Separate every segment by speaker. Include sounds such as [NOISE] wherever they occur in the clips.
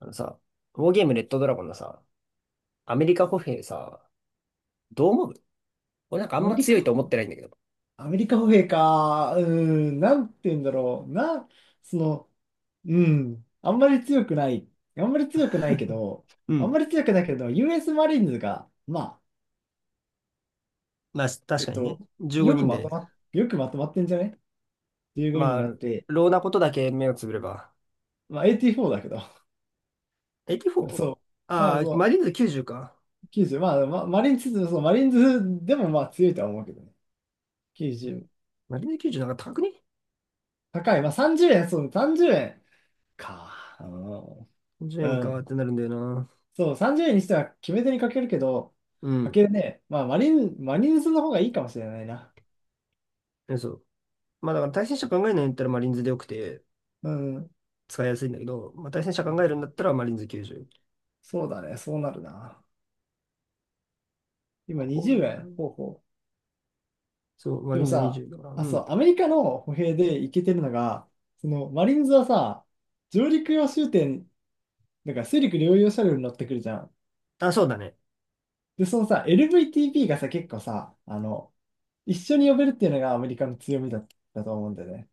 Speaker 1: あのさ、ウォーゲームレッドドラゴンのさ、アメリカ歩兵さ、どう思う？俺なんかあん
Speaker 2: アメ
Speaker 1: ま
Speaker 2: リ
Speaker 1: 強いと
Speaker 2: カ、
Speaker 1: 思ってないんだけど。
Speaker 2: アメリカ歩兵か。なんて言うんだろう。その、うん、あんまり強くない。あんまり強くないけ
Speaker 1: [LAUGHS]
Speaker 2: ど、
Speaker 1: う
Speaker 2: あんま
Speaker 1: ん。
Speaker 2: り強くないけど、US マリーンズが、まあ、
Speaker 1: まあ、
Speaker 2: え
Speaker 1: 確
Speaker 2: っ
Speaker 1: かに
Speaker 2: と、
Speaker 1: ね。15人で。
Speaker 2: よくまとまってんじゃね？ 15
Speaker 1: ま
Speaker 2: 人あっ
Speaker 1: あ、
Speaker 2: て、
Speaker 1: ローなことだけ目をつぶれば。
Speaker 2: まあ、84だけど、[LAUGHS] そ
Speaker 1: 84？
Speaker 2: う。
Speaker 1: あ
Speaker 2: まあ、
Speaker 1: あー、マ
Speaker 2: そ
Speaker 1: リーンズ90か。
Speaker 2: う、90、まあ、マリーンズ、そう、マリーンズでもまあ強いとは思うけどね。90、
Speaker 1: マリーンズ90なんか高くね？
Speaker 2: 高い。まあ、30円、そう、30円か。う
Speaker 1: 10 円
Speaker 2: ん。う
Speaker 1: か
Speaker 2: ん
Speaker 1: ってなるんだよな。
Speaker 2: そう、30円にしては決め手にかけるけど、
Speaker 1: う
Speaker 2: か
Speaker 1: ん。
Speaker 2: けるね。まあ、マリンズの方がいいかもしれないな。
Speaker 1: えそう。まあだから対戦者考えないんだったらマリーンズでよくて
Speaker 2: うん。
Speaker 1: 使いやすいんだけど、まあ対戦者考えるんだったらマリーンズ90。
Speaker 2: そうだね。そうなるな。今
Speaker 1: こ
Speaker 2: 20
Speaker 1: れな。
Speaker 2: 円。ほうほう。
Speaker 1: そう、マ
Speaker 2: で
Speaker 1: リー
Speaker 2: も
Speaker 1: ンズ
Speaker 2: さ、
Speaker 1: 20だから。う
Speaker 2: あ、そ
Speaker 1: ん。
Speaker 2: う、アメリカの歩兵でいけてるのが、その、マリンズはさ、上陸用終点、だから水陸両用車両に乗ってくるじゃん。
Speaker 1: あ、そうだね。
Speaker 2: で、そのさ、LVTP がさ、結構さ、一緒に呼べるっていうのがアメリカの強みだったと思うんだよね。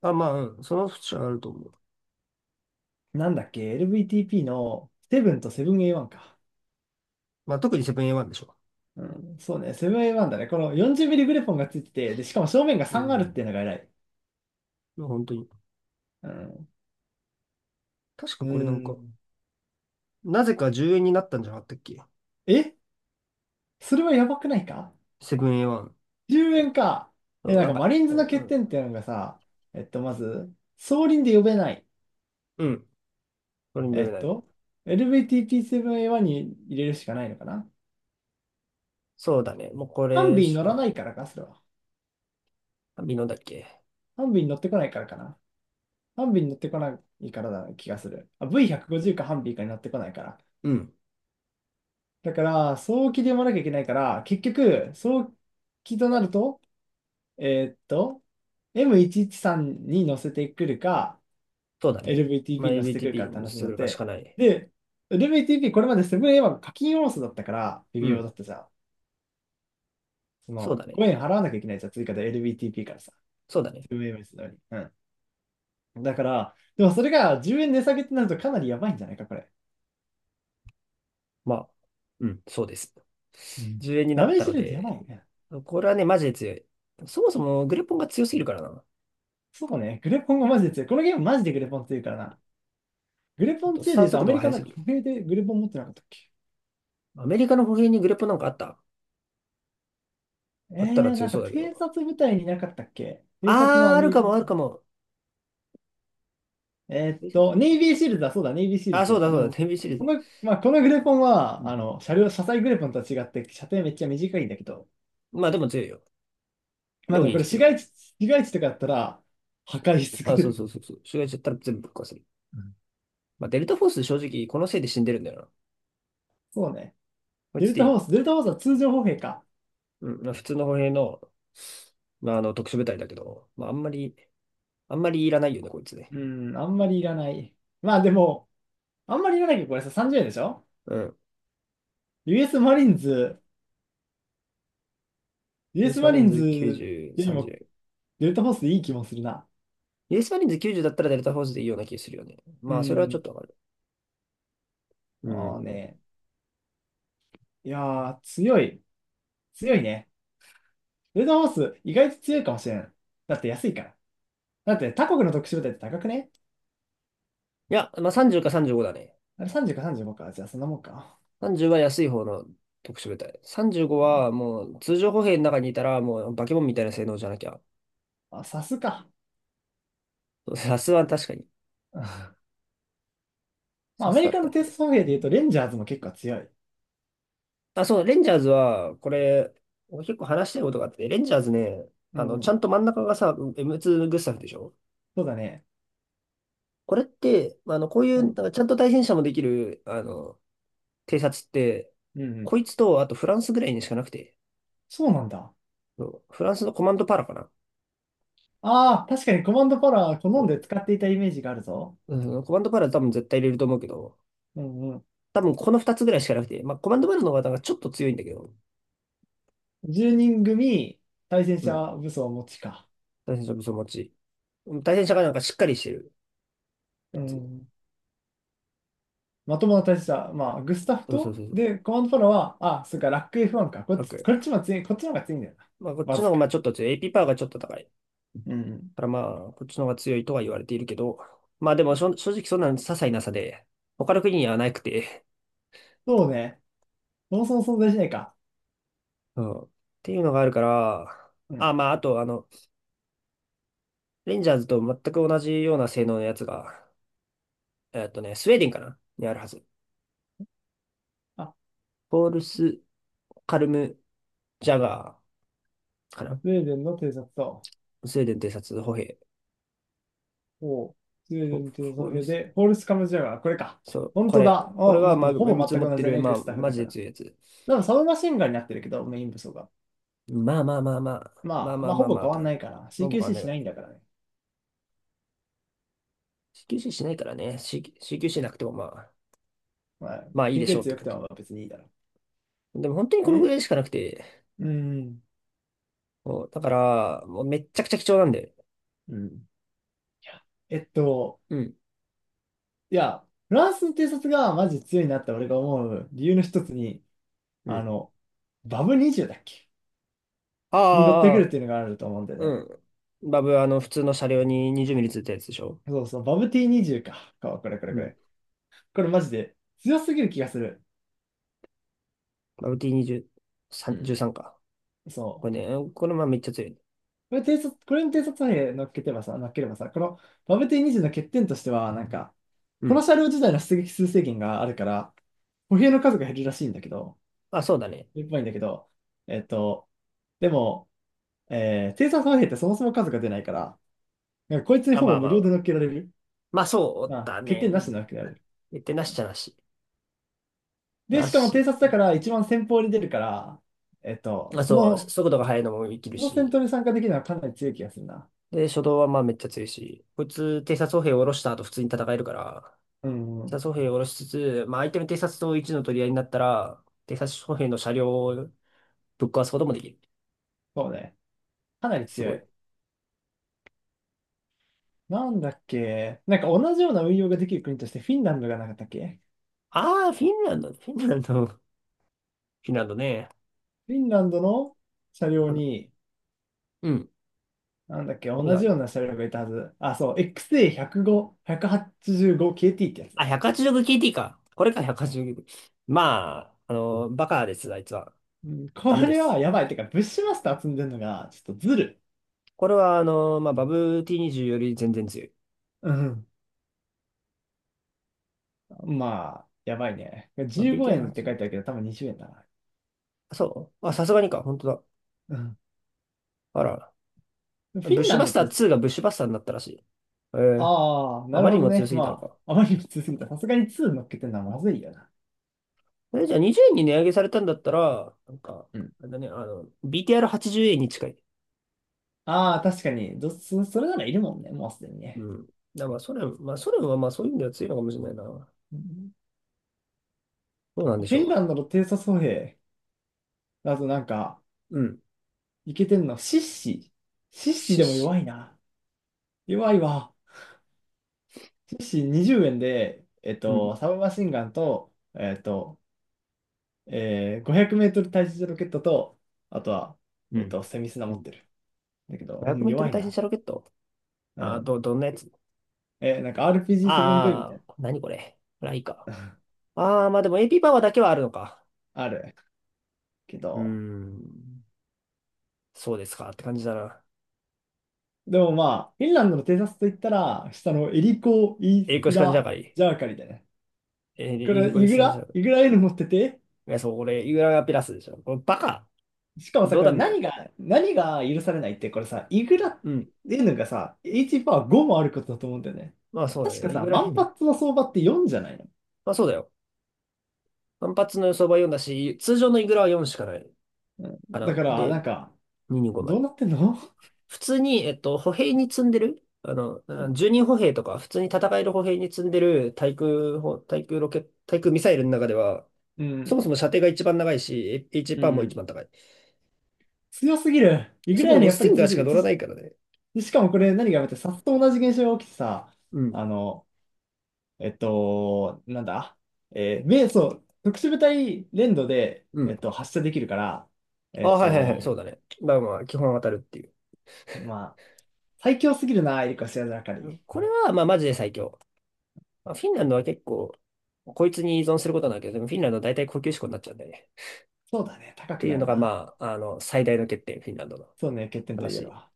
Speaker 1: あ、まあ、うんその節はあると思う。
Speaker 2: なんだっけ？ LVTP のセブンとセブン A1 か。
Speaker 1: まあ、特にセブン A1 でしょ。
Speaker 2: うん、そうね、セブンアイワンだね。この40ミリグレポンがついてて、で、しかも正面が
Speaker 1: う
Speaker 2: 3あるっ
Speaker 1: ん。
Speaker 2: ていうのが偉い。
Speaker 1: まあ本当に。
Speaker 2: うん。
Speaker 1: 確か
Speaker 2: う
Speaker 1: これなんか、
Speaker 2: ん。
Speaker 1: なぜか10円になったんじゃなかったっけ？
Speaker 2: え、それはやばくないか？
Speaker 1: セブン A1。
Speaker 2: 10 円か。
Speaker 1: そ
Speaker 2: え、
Speaker 1: う
Speaker 2: なん
Speaker 1: なん
Speaker 2: か
Speaker 1: か、
Speaker 2: マリーン
Speaker 1: う
Speaker 2: ズ
Speaker 1: ん
Speaker 2: の欠
Speaker 1: う
Speaker 2: 点っ
Speaker 1: ん。
Speaker 2: ていうのがさ、まず、総輪で呼べない。
Speaker 1: うん。これに読
Speaker 2: え
Speaker 1: め
Speaker 2: っ
Speaker 1: ない。
Speaker 2: と、l v t t 7 a 1に入れるしかないのかな？
Speaker 1: そうだね。もうこ
Speaker 2: ハン
Speaker 1: れ
Speaker 2: ビーに
Speaker 1: し
Speaker 2: 乗
Speaker 1: か
Speaker 2: ら
Speaker 1: ない。
Speaker 2: ないからか、それは。
Speaker 1: 美濃だっけ？
Speaker 2: ハンビーに乗ってこないからかな。ハンビーに乗ってこないからだ気がする。あ、V150 かハンビーかに乗ってこないから。
Speaker 1: うん。
Speaker 2: だから、早期で読まなきゃいけないから、結局、早期となると、えーっと、M113 に乗せてくるか、
Speaker 1: そうだね。ま
Speaker 2: LVTP
Speaker 1: あ、
Speaker 2: に乗せてくるかって
Speaker 1: LBTP に
Speaker 2: 話
Speaker 1: し
Speaker 2: に
Speaker 1: て
Speaker 2: な
Speaker 1: く
Speaker 2: っ
Speaker 1: るかし
Speaker 2: て、
Speaker 1: かない。
Speaker 2: で、LVTP これまでセブン a は課金要素だったから、微
Speaker 1: う
Speaker 2: 妙だ
Speaker 1: ん。
Speaker 2: ったじゃん。そ
Speaker 1: そう
Speaker 2: の、
Speaker 1: だね。
Speaker 2: 5円払わなきゃいけないじゃん、追加で LVTP からさ、
Speaker 1: そうだね。
Speaker 2: セブン a のように。うん。だから、でもそれが10円値下げってなるとかなりやばいんじゃないか、これ。
Speaker 1: まあ、うん。そうです。
Speaker 2: うん。
Speaker 1: 10円にな
Speaker 2: ダ
Speaker 1: っ
Speaker 2: メー
Speaker 1: た
Speaker 2: ジ
Speaker 1: の
Speaker 2: ルートやば
Speaker 1: で、
Speaker 2: いね。
Speaker 1: これはね、マジで強い。そもそもグレポンが強すぎるからな。
Speaker 2: そうね、グレポンがマジで強い。このゲームマジでグレポン強いからな。グレ
Speaker 1: ちょ
Speaker 2: ポ
Speaker 1: っ
Speaker 2: ン
Speaker 1: とス
Speaker 2: 2で
Speaker 1: タン
Speaker 2: 言うと、
Speaker 1: 速
Speaker 2: ア
Speaker 1: 度
Speaker 2: メ
Speaker 1: が
Speaker 2: リ
Speaker 1: 速
Speaker 2: カなん
Speaker 1: す
Speaker 2: か
Speaker 1: ぎる。
Speaker 2: 歩兵でグレポン持ってなかったっけ？
Speaker 1: アメリカの歩兵にグレップなんかあった？あったら強
Speaker 2: なんか
Speaker 1: そうだけ
Speaker 2: 偵
Speaker 1: ど。
Speaker 2: 察部隊になかったっけ？偵察の
Speaker 1: あー、
Speaker 2: ア
Speaker 1: あ
Speaker 2: メ
Speaker 1: る
Speaker 2: リ
Speaker 1: か
Speaker 2: カの。
Speaker 1: も、あるかも。伝説のグレ
Speaker 2: ネ
Speaker 1: ッ
Speaker 2: イ
Speaker 1: プ、
Speaker 2: ビーシールズだ、そうだ、ネイビーシール
Speaker 1: あ、そう
Speaker 2: ズ。
Speaker 1: だ、そ
Speaker 2: で
Speaker 1: うだ、
Speaker 2: も、
Speaker 1: テレビシリー
Speaker 2: こ
Speaker 1: ズ。
Speaker 2: の、まあ、このグレポン
Speaker 1: う
Speaker 2: は、
Speaker 1: ん。
Speaker 2: あの、車両、車載グレポンとは違って、射程めっちゃ短いんだけど、
Speaker 1: まあでも強いよ。
Speaker 2: ま
Speaker 1: で
Speaker 2: あ
Speaker 1: も
Speaker 2: でもこ
Speaker 1: 激
Speaker 2: れ市
Speaker 1: 強。
Speaker 2: 街地、市街地とかだったら、破壊し尽く
Speaker 1: あ、
Speaker 2: せ
Speaker 1: そう
Speaker 2: る。
Speaker 1: そうそうそう。襲撃しちゃったら全部ぶっ壊せる。
Speaker 2: うん、
Speaker 1: まあデルタフォース正直このせいで死んでるんだよな。
Speaker 2: そうね。
Speaker 1: こい
Speaker 2: デ
Speaker 1: つ
Speaker 2: ル
Speaker 1: でい
Speaker 2: タ
Speaker 1: い。
Speaker 2: ホース、デルタホースは通常歩兵か。
Speaker 1: うん。まあ、普通の歩兵の、まああの特殊部隊だけど、まああんまり、あんまりいらないよね、こいつね。
Speaker 2: うん、あんまりいらない。まあでも、あんまりいらないけど、これさ、30円でしょ？
Speaker 1: うん。
Speaker 2: US マリーンズ、ユー
Speaker 1: ユ
Speaker 2: エ
Speaker 1: ー
Speaker 2: ス
Speaker 1: スマ
Speaker 2: マ
Speaker 1: リ
Speaker 2: リ
Speaker 1: ー
Speaker 2: ー
Speaker 1: ン
Speaker 2: ンズ
Speaker 1: ズ90、
Speaker 2: よりも
Speaker 1: 30。
Speaker 2: デルタフォースでいい気もするな。
Speaker 1: ユースマリーンズ90だったらデルタフォースでいいような気がするよね。
Speaker 2: う
Speaker 1: まあそれはちょっ
Speaker 2: ん。
Speaker 1: とわかる。う
Speaker 2: ああ
Speaker 1: ん。
Speaker 2: ね。いやー、強い。強いね。デルタフォース意外と強いかもしれん。だって安いから。だって他国の特殊部隊って高くね？
Speaker 1: いや、まあ30か35だね。
Speaker 2: あれ30か35か。じゃあそんなもんか。
Speaker 1: 30は安い方の特殊部隊。35
Speaker 2: う
Speaker 1: は
Speaker 2: ん。
Speaker 1: もう通常歩兵の中にいたらもうバケモンみたいな性能じゃなきゃ。
Speaker 2: あ、サスか。
Speaker 1: サスは確かに。
Speaker 2: [LAUGHS] ま
Speaker 1: サ
Speaker 2: あ、ア
Speaker 1: ス
Speaker 2: メ
Speaker 1: だ
Speaker 2: リ
Speaker 1: っ
Speaker 2: カ
Speaker 1: た
Speaker 2: の
Speaker 1: ら。
Speaker 2: テスト兵で
Speaker 1: う
Speaker 2: 言うと、
Speaker 1: ん、
Speaker 2: レンジャーズも結構強い。
Speaker 1: あ、そう、レンジャーズは、これ、俺結構話したいことがあって、レンジャーズね、
Speaker 2: う
Speaker 1: あの、
Speaker 2: んう
Speaker 1: ちゃ
Speaker 2: ん。
Speaker 1: んと真ん中がさ、M2 グスタフでしょ？
Speaker 2: そうだね。
Speaker 1: これって、あの、こうい
Speaker 2: う
Speaker 1: う、なん
Speaker 2: ん。
Speaker 1: かちゃんと対戦車もできる、あの、偵察って、
Speaker 2: うんうん。
Speaker 1: こいつと、あとフランスぐらいにしかなくて、
Speaker 2: そうなんだ。
Speaker 1: そうフランスのコマンドパラかな。
Speaker 2: ああ、確かにコマンドパワー好
Speaker 1: そ
Speaker 2: んで使っていたイメージがあるぞ。
Speaker 1: ううん、コマンドパラ多分絶対入れると思うけど、
Speaker 2: うん、
Speaker 1: 多分この2つぐらいしかなくて、まあ、コマンドバルの方がちょっと強いんだけど、
Speaker 2: 10人組対戦
Speaker 1: うん。
Speaker 2: 車武装を持ちか。
Speaker 1: 対戦車武装持ち。対戦車がなんかしっかりしてるや
Speaker 2: う
Speaker 1: つ。
Speaker 2: ん。まともな対戦車、まあ、グスタフ
Speaker 1: そうそう
Speaker 2: と、
Speaker 1: そうそう。
Speaker 2: で、コマンドパラは、あ、そっか、ラック F1 か。こっ
Speaker 1: 楽。
Speaker 2: ちも強い、こっちの方が強いんだよ
Speaker 1: まあ、こっ
Speaker 2: な。
Speaker 1: ち
Speaker 2: わ
Speaker 1: の方
Speaker 2: ず
Speaker 1: がまあ
Speaker 2: か
Speaker 1: ちょっと強い。AP パワーがちょっと高い。だ
Speaker 2: に。うん。
Speaker 1: からまあ、こっちの方が強いとは言われているけど、まあでも正直そんな些細な差で、他の国にはなくて、
Speaker 2: そうね。そもそも存在しないか。
Speaker 1: うん。っていうのがあるから、
Speaker 2: う
Speaker 1: あ、
Speaker 2: ん。
Speaker 1: まあ、あと、あの、レンジャーズと全く同じような性能のやつが、えっとね、スウェーデンかなにあるはず。
Speaker 2: あ、
Speaker 1: ポールス、カルム、ジャガーかな。
Speaker 2: スウェーデンの偵察と、
Speaker 1: スウェーデン偵察歩兵。
Speaker 2: おう、スウェー
Speaker 1: フ
Speaker 2: デ
Speaker 1: ォ、
Speaker 2: ンの偵
Speaker 1: フ
Speaker 2: 察の
Speaker 1: ォル
Speaker 2: 兵
Speaker 1: ス。
Speaker 2: で、ホールスカムジャガー、これか。
Speaker 1: そう、
Speaker 2: 本
Speaker 1: こ
Speaker 2: 当
Speaker 1: れ。
Speaker 2: だ。
Speaker 1: これ
Speaker 2: あ、
Speaker 1: は、
Speaker 2: 待って、
Speaker 1: まあ、
Speaker 2: もうほ
Speaker 1: メム
Speaker 2: ぼ
Speaker 1: ツ
Speaker 2: 全
Speaker 1: 持
Speaker 2: く
Speaker 1: っ
Speaker 2: 同
Speaker 1: て
Speaker 2: じだ
Speaker 1: る、
Speaker 2: ね、
Speaker 1: ま
Speaker 2: グ
Speaker 1: あ、
Speaker 2: スタフ
Speaker 1: マ
Speaker 2: だ
Speaker 1: ジ
Speaker 2: か
Speaker 1: で
Speaker 2: ら。
Speaker 1: 強いやつ。
Speaker 2: でも、サブマシンガンになってるけど、メイン武装が。
Speaker 1: まあまあまあまあ。まあ
Speaker 2: まあ、
Speaker 1: ま
Speaker 2: ま
Speaker 1: あ
Speaker 2: あ、
Speaker 1: ま
Speaker 2: ほ
Speaker 1: あ
Speaker 2: ぼ
Speaker 1: まあ、
Speaker 2: 変
Speaker 1: って
Speaker 2: わん
Speaker 1: 感
Speaker 2: な
Speaker 1: じ。
Speaker 2: いから、
Speaker 1: まあ、僕は
Speaker 2: CQC
Speaker 1: ね、
Speaker 2: しないんだからね。
Speaker 1: CQC しないからね。CQC なくても、まあ、
Speaker 2: まあ、
Speaker 1: まあいい
Speaker 2: 研
Speaker 1: で
Speaker 2: 究
Speaker 1: しょうっ
Speaker 2: 率
Speaker 1: て
Speaker 2: 良く
Speaker 1: 感
Speaker 2: て
Speaker 1: じ。
Speaker 2: も別にいいだろ
Speaker 1: でも本当に
Speaker 2: う。
Speaker 1: このぐ
Speaker 2: で、
Speaker 1: らいしかなくて、
Speaker 2: うん、
Speaker 1: もう、だから、もうめっちゃくちゃ貴重なんで。
Speaker 2: うん。いやえっと、
Speaker 1: うん。
Speaker 2: いや、フランスの偵察がマジ強いなって俺が思う理由の一つに、
Speaker 1: う
Speaker 2: あ
Speaker 1: ん。
Speaker 2: の、バブ20だっけに乗ってくる
Speaker 1: あ
Speaker 2: っ
Speaker 1: あ、
Speaker 2: ていうのがあると思うんだよ
Speaker 1: う
Speaker 2: ね。
Speaker 1: ん。バブ、あの、普通の車両に20ミリついたやつでしょ？
Speaker 2: そうそう、バブ T20 か。かこれこれ
Speaker 1: う
Speaker 2: こ
Speaker 1: ん。
Speaker 2: れ。これマジで強すぎる気がする。
Speaker 1: バブ T20、
Speaker 2: う
Speaker 1: 3
Speaker 2: ん。
Speaker 1: 13か。
Speaker 2: そ
Speaker 1: こ
Speaker 2: う。
Speaker 1: れね、これまあめっちゃ強い。
Speaker 2: これ偵察、これに偵察兵乗っければさ、このバブ T20 の欠点としては、なんか、
Speaker 1: う
Speaker 2: この
Speaker 1: ん。
Speaker 2: 車両自体の出撃数制限があるから、歩兵の数が減るらしいんだけど、
Speaker 1: あ、そうだね。
Speaker 2: いっぽいんだけど、えっと、でも、生産三平ってそもそも数が出ないから、なんかこいつに
Speaker 1: あ、
Speaker 2: ほ
Speaker 1: ま
Speaker 2: ぼ
Speaker 1: あ
Speaker 2: 無
Speaker 1: まあ
Speaker 2: 料
Speaker 1: ま
Speaker 2: で
Speaker 1: あ。
Speaker 2: 乗っけられる。
Speaker 1: まあそ
Speaker 2: ま
Speaker 1: う
Speaker 2: あ、
Speaker 1: だ
Speaker 2: 欠
Speaker 1: ね。
Speaker 2: 点
Speaker 1: う
Speaker 2: なしで乗っ
Speaker 1: ん。
Speaker 2: けられる。
Speaker 1: 言ってなしちゃなし。
Speaker 2: で、
Speaker 1: な
Speaker 2: しかも偵
Speaker 1: し。
Speaker 2: 察だから一番先方に出るから、
Speaker 1: まあ
Speaker 2: そ
Speaker 1: そう、
Speaker 2: の、
Speaker 1: 速度が速いのも生きる
Speaker 2: その戦
Speaker 1: し。
Speaker 2: 闘に参加できるのはかなり強い気がするな。
Speaker 1: で、初動はまあめっちゃ強いし。こいつ、偵察歩兵を下ろした後普通に戦えるから、
Speaker 2: う
Speaker 1: 偵
Speaker 2: ん、
Speaker 1: 察歩兵を下ろしつつ、まあ相手の偵察と一の取り合いになったら、偵察歩兵の車両をぶっ壊すこともできる。
Speaker 2: そうね。かなり
Speaker 1: す
Speaker 2: 強
Speaker 1: ごい。
Speaker 2: い。なんだっけ、なんか同じような運用ができる国としてフィンランドがなかったっけ？
Speaker 1: ああ、フィンランド、フィンランド、フィンランドね。
Speaker 2: フィンランドの車両
Speaker 1: あの、
Speaker 2: に、
Speaker 1: うん。
Speaker 2: なんだっけ、
Speaker 1: 何
Speaker 2: 同
Speaker 1: があ
Speaker 2: じよう
Speaker 1: る？
Speaker 2: な車両がいたはず。あ、そう、XA105、185KT ってやつ
Speaker 1: あ、
Speaker 2: だ。
Speaker 1: 186KT か。これか、186KT。まあ、あの、バカです、あいつは。
Speaker 2: うん、こ
Speaker 1: ダメで
Speaker 2: れ
Speaker 1: す。
Speaker 2: はやばい。てか、ブッシュマスター積んでるのが、ちょっとずる。
Speaker 1: これは、あの、まあ、バブ T20 より全然強い。
Speaker 2: うん、まあ、やばいね。
Speaker 1: まあ、
Speaker 2: 15円って
Speaker 1: BTR8？
Speaker 2: 書いてあるけど、多分20円だな。
Speaker 1: あそうあ、さすがにか。本当だ。
Speaker 2: うん。
Speaker 1: あら。
Speaker 2: フィ
Speaker 1: ブッ
Speaker 2: ン
Speaker 1: シュ
Speaker 2: ラン
Speaker 1: バ
Speaker 2: ド
Speaker 1: ス
Speaker 2: っ
Speaker 1: タ
Speaker 2: て、
Speaker 1: ー2がブッシュバスターになったらしい。えー、
Speaker 2: ああ、
Speaker 1: あ
Speaker 2: なる
Speaker 1: まり
Speaker 2: ほ
Speaker 1: に
Speaker 2: ど
Speaker 1: も強
Speaker 2: ね。
Speaker 1: すぎたの
Speaker 2: ま
Speaker 1: か。
Speaker 2: あ、あまりに普通すぎた。さすがに2乗っけてるのはまずいよな。
Speaker 1: え、じゃあ20円に値上げされたんだったら、なんか、
Speaker 2: うん。
Speaker 1: あれだね、あの、BTR80 円に近い。
Speaker 2: ああ、確かに。どそ、それならいるもんね、もうすでにね。
Speaker 1: うん。だからまあ、ソ連、まあ、ソ連はまあ、そういう意味では強いのかもしれないな。ど
Speaker 2: うん。
Speaker 1: うなんでし
Speaker 2: フィン
Speaker 1: ょ
Speaker 2: ランドの偵察歩兵だとなんか、
Speaker 1: う。うん。
Speaker 2: いけてんの、シッシ。シッシ
Speaker 1: シッ
Speaker 2: でも弱
Speaker 1: シ。
Speaker 2: いな。弱いわ。寿司20円で、
Speaker 1: うん。
Speaker 2: サブマシンガンと、500メートル対地ロケットと、あとは、
Speaker 1: うん。
Speaker 2: セミスナ
Speaker 1: う
Speaker 2: 持っ
Speaker 1: ん。
Speaker 2: てる。だけど、
Speaker 1: 500
Speaker 2: う
Speaker 1: メ
Speaker 2: ん、
Speaker 1: ート
Speaker 2: 弱
Speaker 1: ル
Speaker 2: い
Speaker 1: 対戦
Speaker 2: な。
Speaker 1: 車ロケット
Speaker 2: う
Speaker 1: あー、
Speaker 2: ん。
Speaker 1: どんなやつ？
Speaker 2: なんか RPG7V みた
Speaker 1: あ
Speaker 2: い
Speaker 1: あー、何これ。これはいいか。
Speaker 2: な、
Speaker 1: ああ、まあでもエーピーパワーだけはあるのか。
Speaker 2: [LAUGHS] ある。け
Speaker 1: うー
Speaker 2: ど、
Speaker 1: ん。そうですかって感じだな。
Speaker 2: でもまあ、フィンランドの偵察といったら、下のエリコ・イー
Speaker 1: エリコ
Speaker 2: ス
Speaker 1: シカンジャ
Speaker 2: ラ・
Speaker 1: ガリ。
Speaker 2: ジャーカリだね。
Speaker 1: エ
Speaker 2: こ
Speaker 1: リエリ
Speaker 2: れ、
Speaker 1: コ
Speaker 2: イ
Speaker 1: シ
Speaker 2: グ
Speaker 1: カンジャガ
Speaker 2: ラ
Speaker 1: リ。
Speaker 2: イグラ N 持ってて、
Speaker 1: いや、そう、俺、イグラがピラスでしょ。これバカ
Speaker 2: しかもさ、
Speaker 1: 冗
Speaker 2: これ
Speaker 1: 談みたい
Speaker 2: 何
Speaker 1: な。
Speaker 2: が、何が許されないって、これさ、イグラ
Speaker 1: うん。
Speaker 2: N がさ、H パワー5もあることだと思うんだよね。
Speaker 1: まあそうだ
Speaker 2: 確か
Speaker 1: ね。イ
Speaker 2: さ、
Speaker 1: グラ
Speaker 2: 万
Speaker 1: 変に。
Speaker 2: 発の相場って4じゃないの、
Speaker 1: まあそうだよ。反発の予想は4だし、通常のイグラは4しかない
Speaker 2: うん、
Speaker 1: か
Speaker 2: だか
Speaker 1: な。
Speaker 2: ら、
Speaker 1: で、
Speaker 2: なんか、
Speaker 1: 225ま
Speaker 2: ど
Speaker 1: で。
Speaker 2: うなってんの？
Speaker 1: 普通に、えっと、歩兵に積んでるあの、
Speaker 2: う
Speaker 1: あ
Speaker 2: ん、
Speaker 1: 10人歩兵とか、普通に戦える歩兵に積んでる対空砲対空ロケ、対空ミサイルの中では、
Speaker 2: う
Speaker 1: そも
Speaker 2: ん、
Speaker 1: そも射程が一番長いし、H
Speaker 2: う
Speaker 1: パーも一
Speaker 2: ん。
Speaker 1: 番高い。
Speaker 2: 強すぎる。いぐ
Speaker 1: そも
Speaker 2: らい
Speaker 1: そ
Speaker 2: の
Speaker 1: も
Speaker 2: やっ
Speaker 1: ス
Speaker 2: ぱ
Speaker 1: ティン
Speaker 2: り
Speaker 1: ガ
Speaker 2: 強
Speaker 1: ーし
Speaker 2: す
Speaker 1: か
Speaker 2: ぎる。
Speaker 1: 乗らないからね。
Speaker 2: しかもこれ何がやめて、さっと同じ現象が起きてさ、
Speaker 1: うん。
Speaker 2: あの、なんだ、そう、特殊部隊連動で、
Speaker 1: うん。
Speaker 2: 発射できるから、
Speaker 1: あ、
Speaker 2: えっ
Speaker 1: はいはいはい、
Speaker 2: と、
Speaker 1: そうだね。まあまあ、基本当たるっていう。
Speaker 2: まあ、最強すぎるな、エリカ・シアザーカリー。
Speaker 1: これは、まあ、マジで最強。まあ、フィンランドは結構、こいつに依存することなんだけど、でもフィンランドは大体高級志向になっちゃうんだよね。
Speaker 2: そうだね、
Speaker 1: っ
Speaker 2: 高
Speaker 1: て
Speaker 2: く
Speaker 1: い
Speaker 2: な
Speaker 1: う
Speaker 2: る
Speaker 1: のが、
Speaker 2: な。
Speaker 1: まあ、あの、最大の欠点、フィンランドの
Speaker 2: そうね、欠点と言える
Speaker 1: 話。
Speaker 2: わ。